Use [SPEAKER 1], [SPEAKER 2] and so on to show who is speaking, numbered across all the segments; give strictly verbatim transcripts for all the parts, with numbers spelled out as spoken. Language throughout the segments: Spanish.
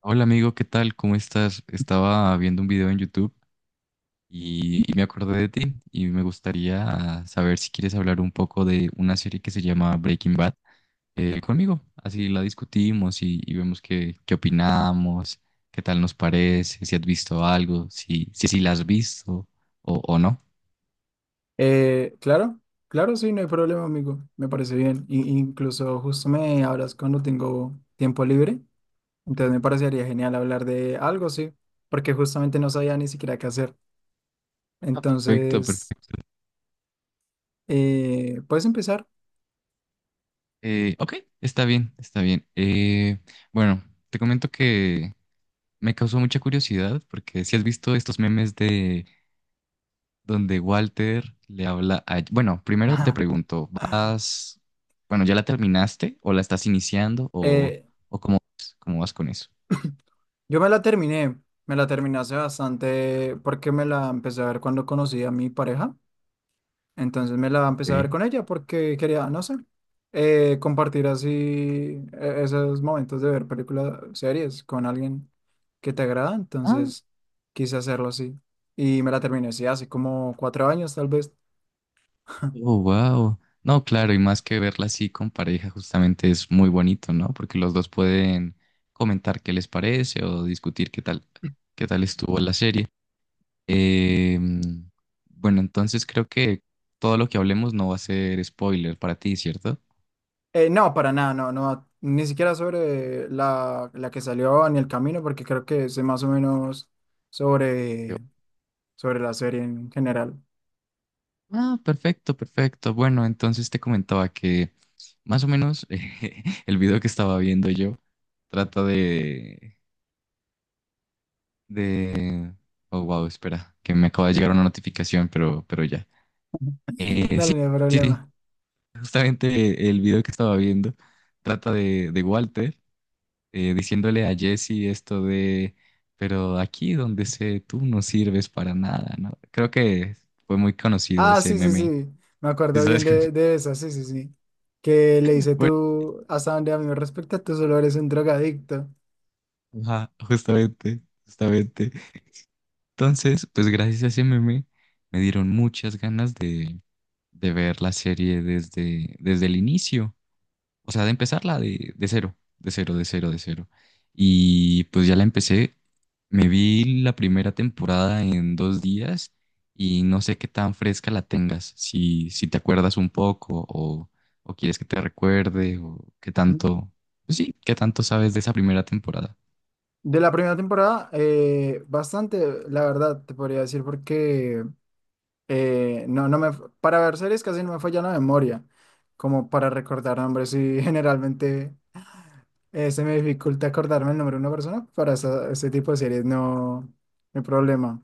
[SPEAKER 1] Hola amigo, ¿qué tal? ¿Cómo estás? Estaba viendo un video en YouTube y, y me acordé de ti y me gustaría saber si quieres hablar un poco de una serie que se llama Breaking Bad eh, conmigo. Así la discutimos y, y vemos qué, qué opinamos, qué tal nos parece, si has visto algo, si, si, si la has visto o, o no.
[SPEAKER 2] Eh, claro, claro, sí, no hay problema, amigo. Me parece bien. I- incluso justo me hablas cuando tengo tiempo libre. Entonces me parecería genial hablar de algo, sí, porque justamente no sabía ni siquiera qué hacer.
[SPEAKER 1] Ah, perfecto,
[SPEAKER 2] Entonces,
[SPEAKER 1] perfecto.
[SPEAKER 2] eh, ¿puedes empezar?
[SPEAKER 1] Eh, ok, está bien, está bien. Eh, bueno, te comento que me causó mucha curiosidad porque si has visto estos memes de donde Walter le habla a... Bueno, primero te pregunto, ¿vas... Bueno, ¿ya la terminaste o la estás iniciando o,
[SPEAKER 2] Eh,
[SPEAKER 1] o cómo, vas- cómo vas con eso?
[SPEAKER 2] yo me la terminé. Me la terminé hace bastante porque me la empecé a ver cuando conocí a mi pareja. Entonces me la empecé a ver
[SPEAKER 1] Ok.
[SPEAKER 2] con ella porque quería, no sé, eh, compartir así eh, esos momentos de ver películas, series con alguien que te agrada.
[SPEAKER 1] Ah,
[SPEAKER 2] Entonces quise hacerlo así. Y me la terminé, sí, hace como cuatro años tal vez.
[SPEAKER 1] oh, wow. No, claro, y más que verla así con pareja, justamente es muy bonito, ¿no? Porque los dos pueden comentar qué les parece o discutir qué tal, qué tal estuvo la serie. Eh, bueno, entonces creo que todo lo que hablemos no va a ser spoiler para ti, ¿cierto?
[SPEAKER 2] Eh, no, para nada, no, no, ni siquiera sobre la, la que salió ni el camino, porque creo que sé más o menos sobre, sobre la serie en general.
[SPEAKER 1] Ah, perfecto, perfecto. Bueno, entonces te comentaba que más o menos eh, el video que estaba viendo yo trata de, de... Oh, wow, espera, que me acaba de llegar una notificación, pero, pero ya. Eh,
[SPEAKER 2] Dale,
[SPEAKER 1] sí,
[SPEAKER 2] no hay
[SPEAKER 1] sí, sí.
[SPEAKER 2] problema.
[SPEAKER 1] Justamente el video que estaba viendo trata de, de Walter eh, diciéndole a Jesse esto de, pero aquí donde sé tú no sirves para nada, ¿no? Creo que fue muy conocido
[SPEAKER 2] Ah,
[SPEAKER 1] ese
[SPEAKER 2] sí, sí,
[SPEAKER 1] meme.
[SPEAKER 2] sí. Me
[SPEAKER 1] ¿Sí
[SPEAKER 2] acuerdo bien
[SPEAKER 1] sabes?
[SPEAKER 2] de, de eso, sí, sí, sí. Que le dice tú, hasta donde a mí me respecta, tú solo eres un drogadicto.
[SPEAKER 1] Ajá, justamente, justamente. Entonces, pues gracias a ese meme me dieron muchas ganas de, de ver la serie desde, desde el inicio. O sea, de empezarla de, de cero, de cero, de cero, de cero. Y pues ya la empecé. Me vi la primera temporada en dos días y no sé qué tan fresca la tengas, si, si te acuerdas un poco o, o quieres que te recuerde o qué
[SPEAKER 2] Mm.
[SPEAKER 1] tanto, pues sí, qué tanto sabes de esa primera temporada.
[SPEAKER 2] De la primera temporada, eh, bastante, la verdad, te podría decir, porque eh, no, no me, para ver series casi no me falla la memoria, como para recordar nombres y generalmente eh, se me dificulta acordarme el nombre de una persona, para esa- ese tipo de series no, no hay problema.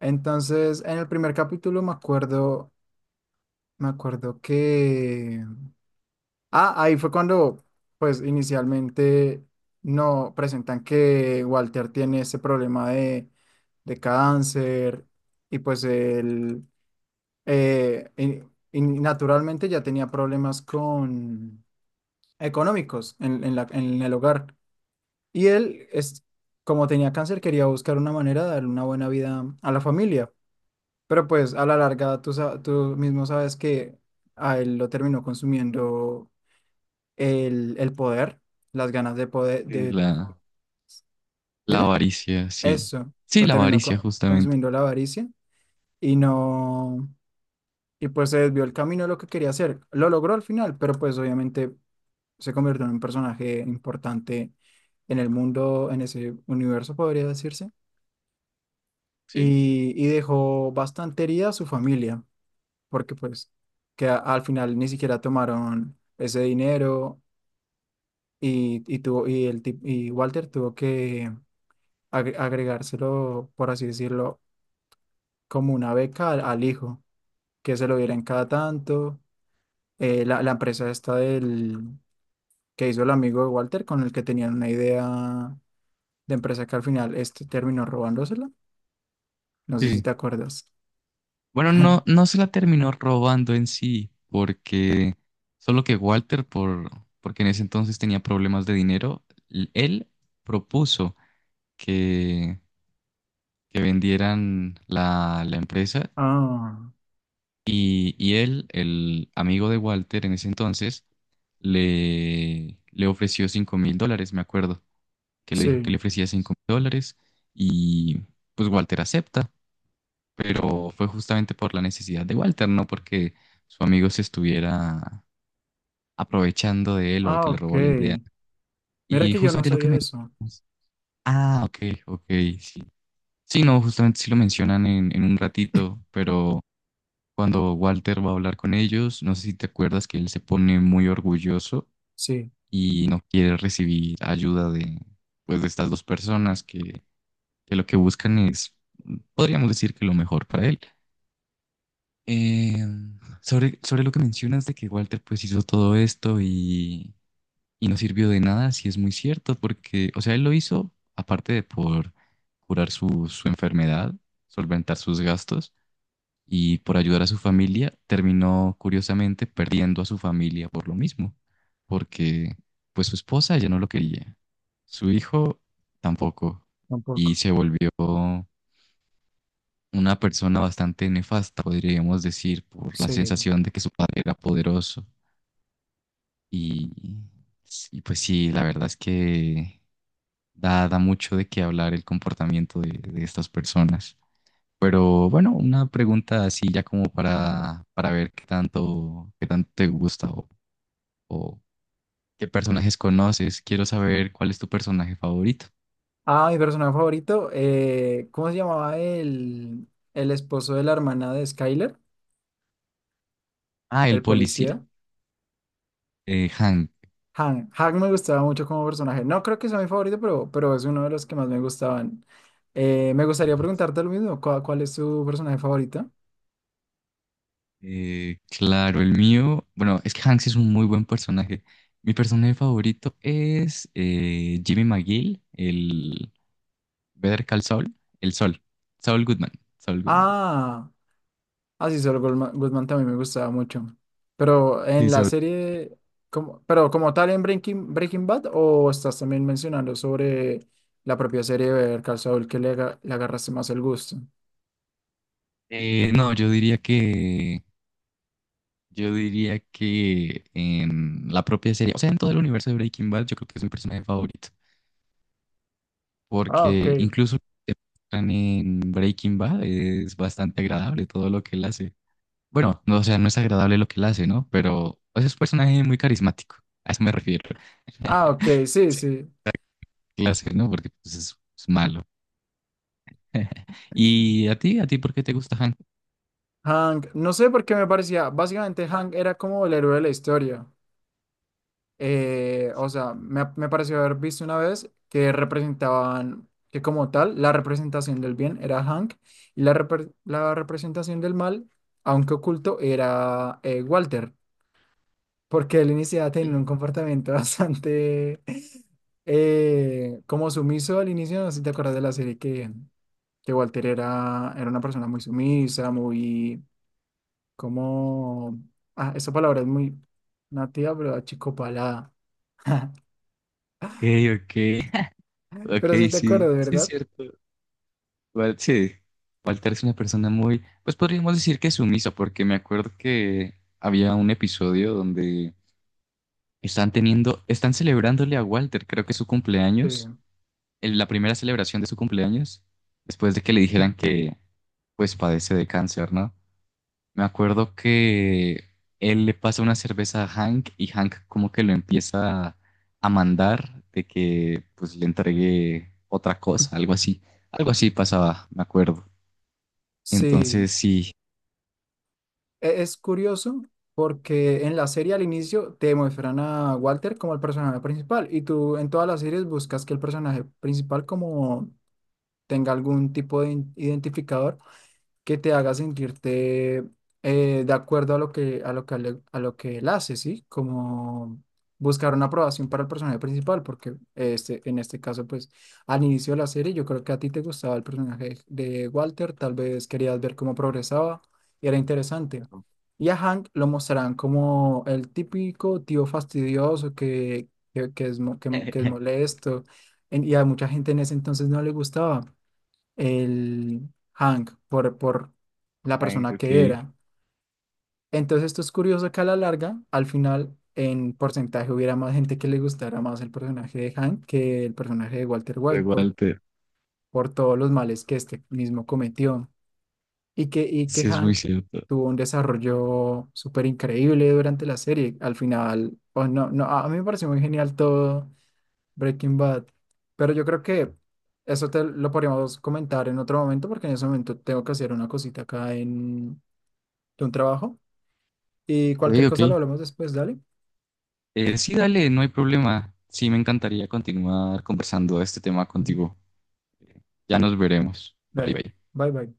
[SPEAKER 2] Entonces, en el primer capítulo me acuerdo Me acuerdo que... Ah, ahí fue cuando, pues inicialmente no presentan que Walter tiene ese problema de, de cáncer y pues él eh, y- y naturalmente ya tenía problemas con económicos en, en la- en el hogar. Y él, es, como tenía cáncer, quería buscar una manera de darle una buena vida a la familia. Pero pues a la larga tú, sa- tú mismo sabes que a él lo terminó consumiendo el, el poder, las ganas de poder,
[SPEAKER 1] Eh,
[SPEAKER 2] de,
[SPEAKER 1] La... La
[SPEAKER 2] dime,
[SPEAKER 1] avaricia, sí.
[SPEAKER 2] eso,
[SPEAKER 1] Sí,
[SPEAKER 2] lo
[SPEAKER 1] la
[SPEAKER 2] terminó
[SPEAKER 1] avaricia,
[SPEAKER 2] co-
[SPEAKER 1] justamente.
[SPEAKER 2] consumiendo la avaricia y no, y pues se desvió el camino de lo que quería hacer. Lo logró al final, pero pues obviamente se convirtió en un personaje importante en el mundo, en ese universo, podría decirse,
[SPEAKER 1] Sí.
[SPEAKER 2] y, y dejó bastante herida a su familia, porque pues que a- al final ni siquiera tomaron ese dinero. Y, y, tuvo, y, el, tip- y Walter tuvo que, agre- agregárselo, por así decirlo, como una beca al, al hijo, que se lo dieran cada tanto. Eh, la, la empresa esta del que hizo el amigo de Walter, con el que tenían una idea de empresa que al final este terminó robándosela. No sé si
[SPEAKER 1] Sí.
[SPEAKER 2] te acuerdas.
[SPEAKER 1] Bueno, no, no se la terminó robando en sí, porque solo que Walter, por, porque en ese entonces tenía problemas de dinero, l- él propuso que, que vendieran la, la empresa
[SPEAKER 2] Ah,
[SPEAKER 1] y, y él, el amigo de Walter en ese entonces, le, le ofreció cinco mil dólares, me acuerdo, que le dijo
[SPEAKER 2] sí.
[SPEAKER 1] que le ofrecía cinco mil dólares y pues Walter acepta. Pero fue justamente por la necesidad de Walter, no porque su amigo se estuviera aprovechando de él o
[SPEAKER 2] Ah,
[SPEAKER 1] que le
[SPEAKER 2] ok.
[SPEAKER 1] robó la idea.
[SPEAKER 2] Mira
[SPEAKER 1] Y
[SPEAKER 2] que yo no
[SPEAKER 1] justamente lo que
[SPEAKER 2] sabía eso.
[SPEAKER 1] mencionas. Ah, ok, ok, sí. Sí, no, justamente sí lo mencionan en, en un ratito, pero cuando Walter va a hablar con ellos, no sé si te acuerdas que él se pone muy orgulloso
[SPEAKER 2] Sí,
[SPEAKER 1] y no quiere recibir ayuda de, pues, de estas dos personas que, que lo que buscan es, podríamos decir que lo mejor para él. Eh, sobre, sobre lo que mencionas de que Walter pues hizo todo esto y, y no sirvió de nada, sí es muy cierto, porque, o sea, él lo hizo aparte de por curar su, su enfermedad, solventar sus gastos y por ayudar a su familia, terminó curiosamente perdiendo a su familia por lo mismo, porque pues su esposa ya no lo quería, su hijo tampoco, y
[SPEAKER 2] tampoco.
[SPEAKER 1] se volvió una persona bastante nefasta, podríamos decir, por la
[SPEAKER 2] Sí.
[SPEAKER 1] sensación de que su padre era poderoso. Y, y pues sí, la verdad es que da, da mucho de qué hablar el comportamiento de, de estas personas. Pero bueno, una pregunta así ya como para, para ver qué tanto, qué tanto te gusta o, o qué personajes conoces. Quiero saber cuál es tu personaje favorito.
[SPEAKER 2] Ah, mi personaje favorito, eh, ¿cómo se llamaba el, el esposo de la hermana de Skyler?
[SPEAKER 1] Ah, el
[SPEAKER 2] El
[SPEAKER 1] policía,
[SPEAKER 2] policía.
[SPEAKER 1] eh, Hank.
[SPEAKER 2] Han. Han me gustaba mucho como personaje. No creo que sea mi favorito, pero, pero es uno de los que más me gustaban. Eh, me gustaría preguntarte lo mismo. ¿Cuál, cuál es tu personaje favorito?
[SPEAKER 1] Eh, claro, el mío, bueno, es que Hanks es un muy buen personaje. Mi personaje favorito es eh, Jimmy McGill, el Better Call Saul, el Sol, Saul Goodman, Saul Goodman.
[SPEAKER 2] Ah, así solo Goldman, Goodman también me gustaba mucho. Pero en
[SPEAKER 1] Sí,
[SPEAKER 2] la
[SPEAKER 1] Saul.
[SPEAKER 2] serie, como, pero como tal en Breaking, Breaking Bad, o estás también mencionando sobre la propia serie de Better Call Saul que le, aga- le agarraste más el gusto.
[SPEAKER 1] Eh, no, yo diría que, yo diría que en la propia serie, o sea, en todo el universo de Breaking Bad, yo creo que es mi personaje favorito,
[SPEAKER 2] Ah, ok.
[SPEAKER 1] porque incluso lo que muestran en Breaking Bad es bastante agradable todo lo que él hace. Bueno, no, o sea, no es agradable lo que él hace, ¿no? Pero o es un personaje muy carismático, a eso me refiero.
[SPEAKER 2] Ah, ok, sí,
[SPEAKER 1] Sí.
[SPEAKER 2] sí.
[SPEAKER 1] Clase, ¿no? Porque pues, es, es malo. ¿Y a ti? ¿A ti por qué te gusta Han?
[SPEAKER 2] Hank, no sé por qué me parecía, básicamente Hank era como el héroe de la historia. Eh, o sea, me, me pareció haber visto una vez que representaban, que como tal, la representación del bien era Hank y la, repre- la representación del mal, aunque oculto, era eh, Walter, porque él iniciaba teniendo un comportamiento bastante eh, como sumiso al inicio, no sé si te acuerdas de la serie que, que Walter era, era una persona muy sumisa, muy... Como, ah, esa palabra es muy nativa, pero achicopalada.
[SPEAKER 1] Ok, ok, ok,
[SPEAKER 2] Pero sí te
[SPEAKER 1] sí,
[SPEAKER 2] acuerdas,
[SPEAKER 1] sí es
[SPEAKER 2] ¿verdad?
[SPEAKER 1] cierto. Wal- sí, Walter es una persona muy, pues podríamos decir que sumisa, porque me acuerdo que había un episodio donde están teniendo, están celebrándole a Walter, creo que es su
[SPEAKER 2] Sí.
[SPEAKER 1] cumpleaños, el- la primera celebración de su cumpleaños, después de que le dijeran que pues padece de cáncer, ¿no? Me acuerdo que él le pasa una cerveza a Hank y Hank como que lo empieza a mandar de que pues le entregue otra cosa, algo así. Algo así pasaba, me acuerdo.
[SPEAKER 2] Sí.
[SPEAKER 1] Entonces sí,
[SPEAKER 2] E- Es curioso porque en la serie al inicio te muestran a Walter como el personaje principal y tú en todas las series buscas que el personaje principal como tenga algún tipo de in- identificador que te haga sentirte eh, de acuerdo a lo que, a lo que, le- a lo que él hace, ¿sí? Como buscar una aprobación para el personaje principal, porque este, en este caso, pues, al inicio de la serie, yo creo que a ti te gustaba el personaje de Walter, tal vez querías ver cómo progresaba y era interesante. Y a Hank lo mostrarán como el típico tío fastidioso que, que, que es, mo- que, que es molesto, en- y a mucha gente en ese entonces no le gustaba el Hank, por, por la
[SPEAKER 1] Hank,
[SPEAKER 2] persona
[SPEAKER 1] ok,
[SPEAKER 2] que era. Entonces esto es curioso que a la larga, al final, en porcentaje hubiera más gente que le gustara más el personaje de Hank que el personaje de Walter
[SPEAKER 1] de
[SPEAKER 2] White por,
[SPEAKER 1] Walter,
[SPEAKER 2] por todos los males que este mismo cometió. Y que, y que
[SPEAKER 1] sí es muy
[SPEAKER 2] Hank
[SPEAKER 1] cierto.
[SPEAKER 2] tuvo un desarrollo súper increíble durante la serie. Al final, oh, no, no, a a mí me pareció muy genial todo Breaking Bad. Pero yo creo que eso te lo podríamos comentar en otro momento, porque en ese momento tengo que hacer una cosita acá en de un trabajo. Y
[SPEAKER 1] Ok,
[SPEAKER 2] cualquier cosa lo
[SPEAKER 1] ok.
[SPEAKER 2] hablamos después, dale.
[SPEAKER 1] Eh, sí, dale, no hay problema. Sí, me encantaría continuar conversando este tema
[SPEAKER 2] Ujú.
[SPEAKER 1] contigo. Ya nos veremos. Bye,
[SPEAKER 2] Dale.
[SPEAKER 1] bye.
[SPEAKER 2] Bye bye.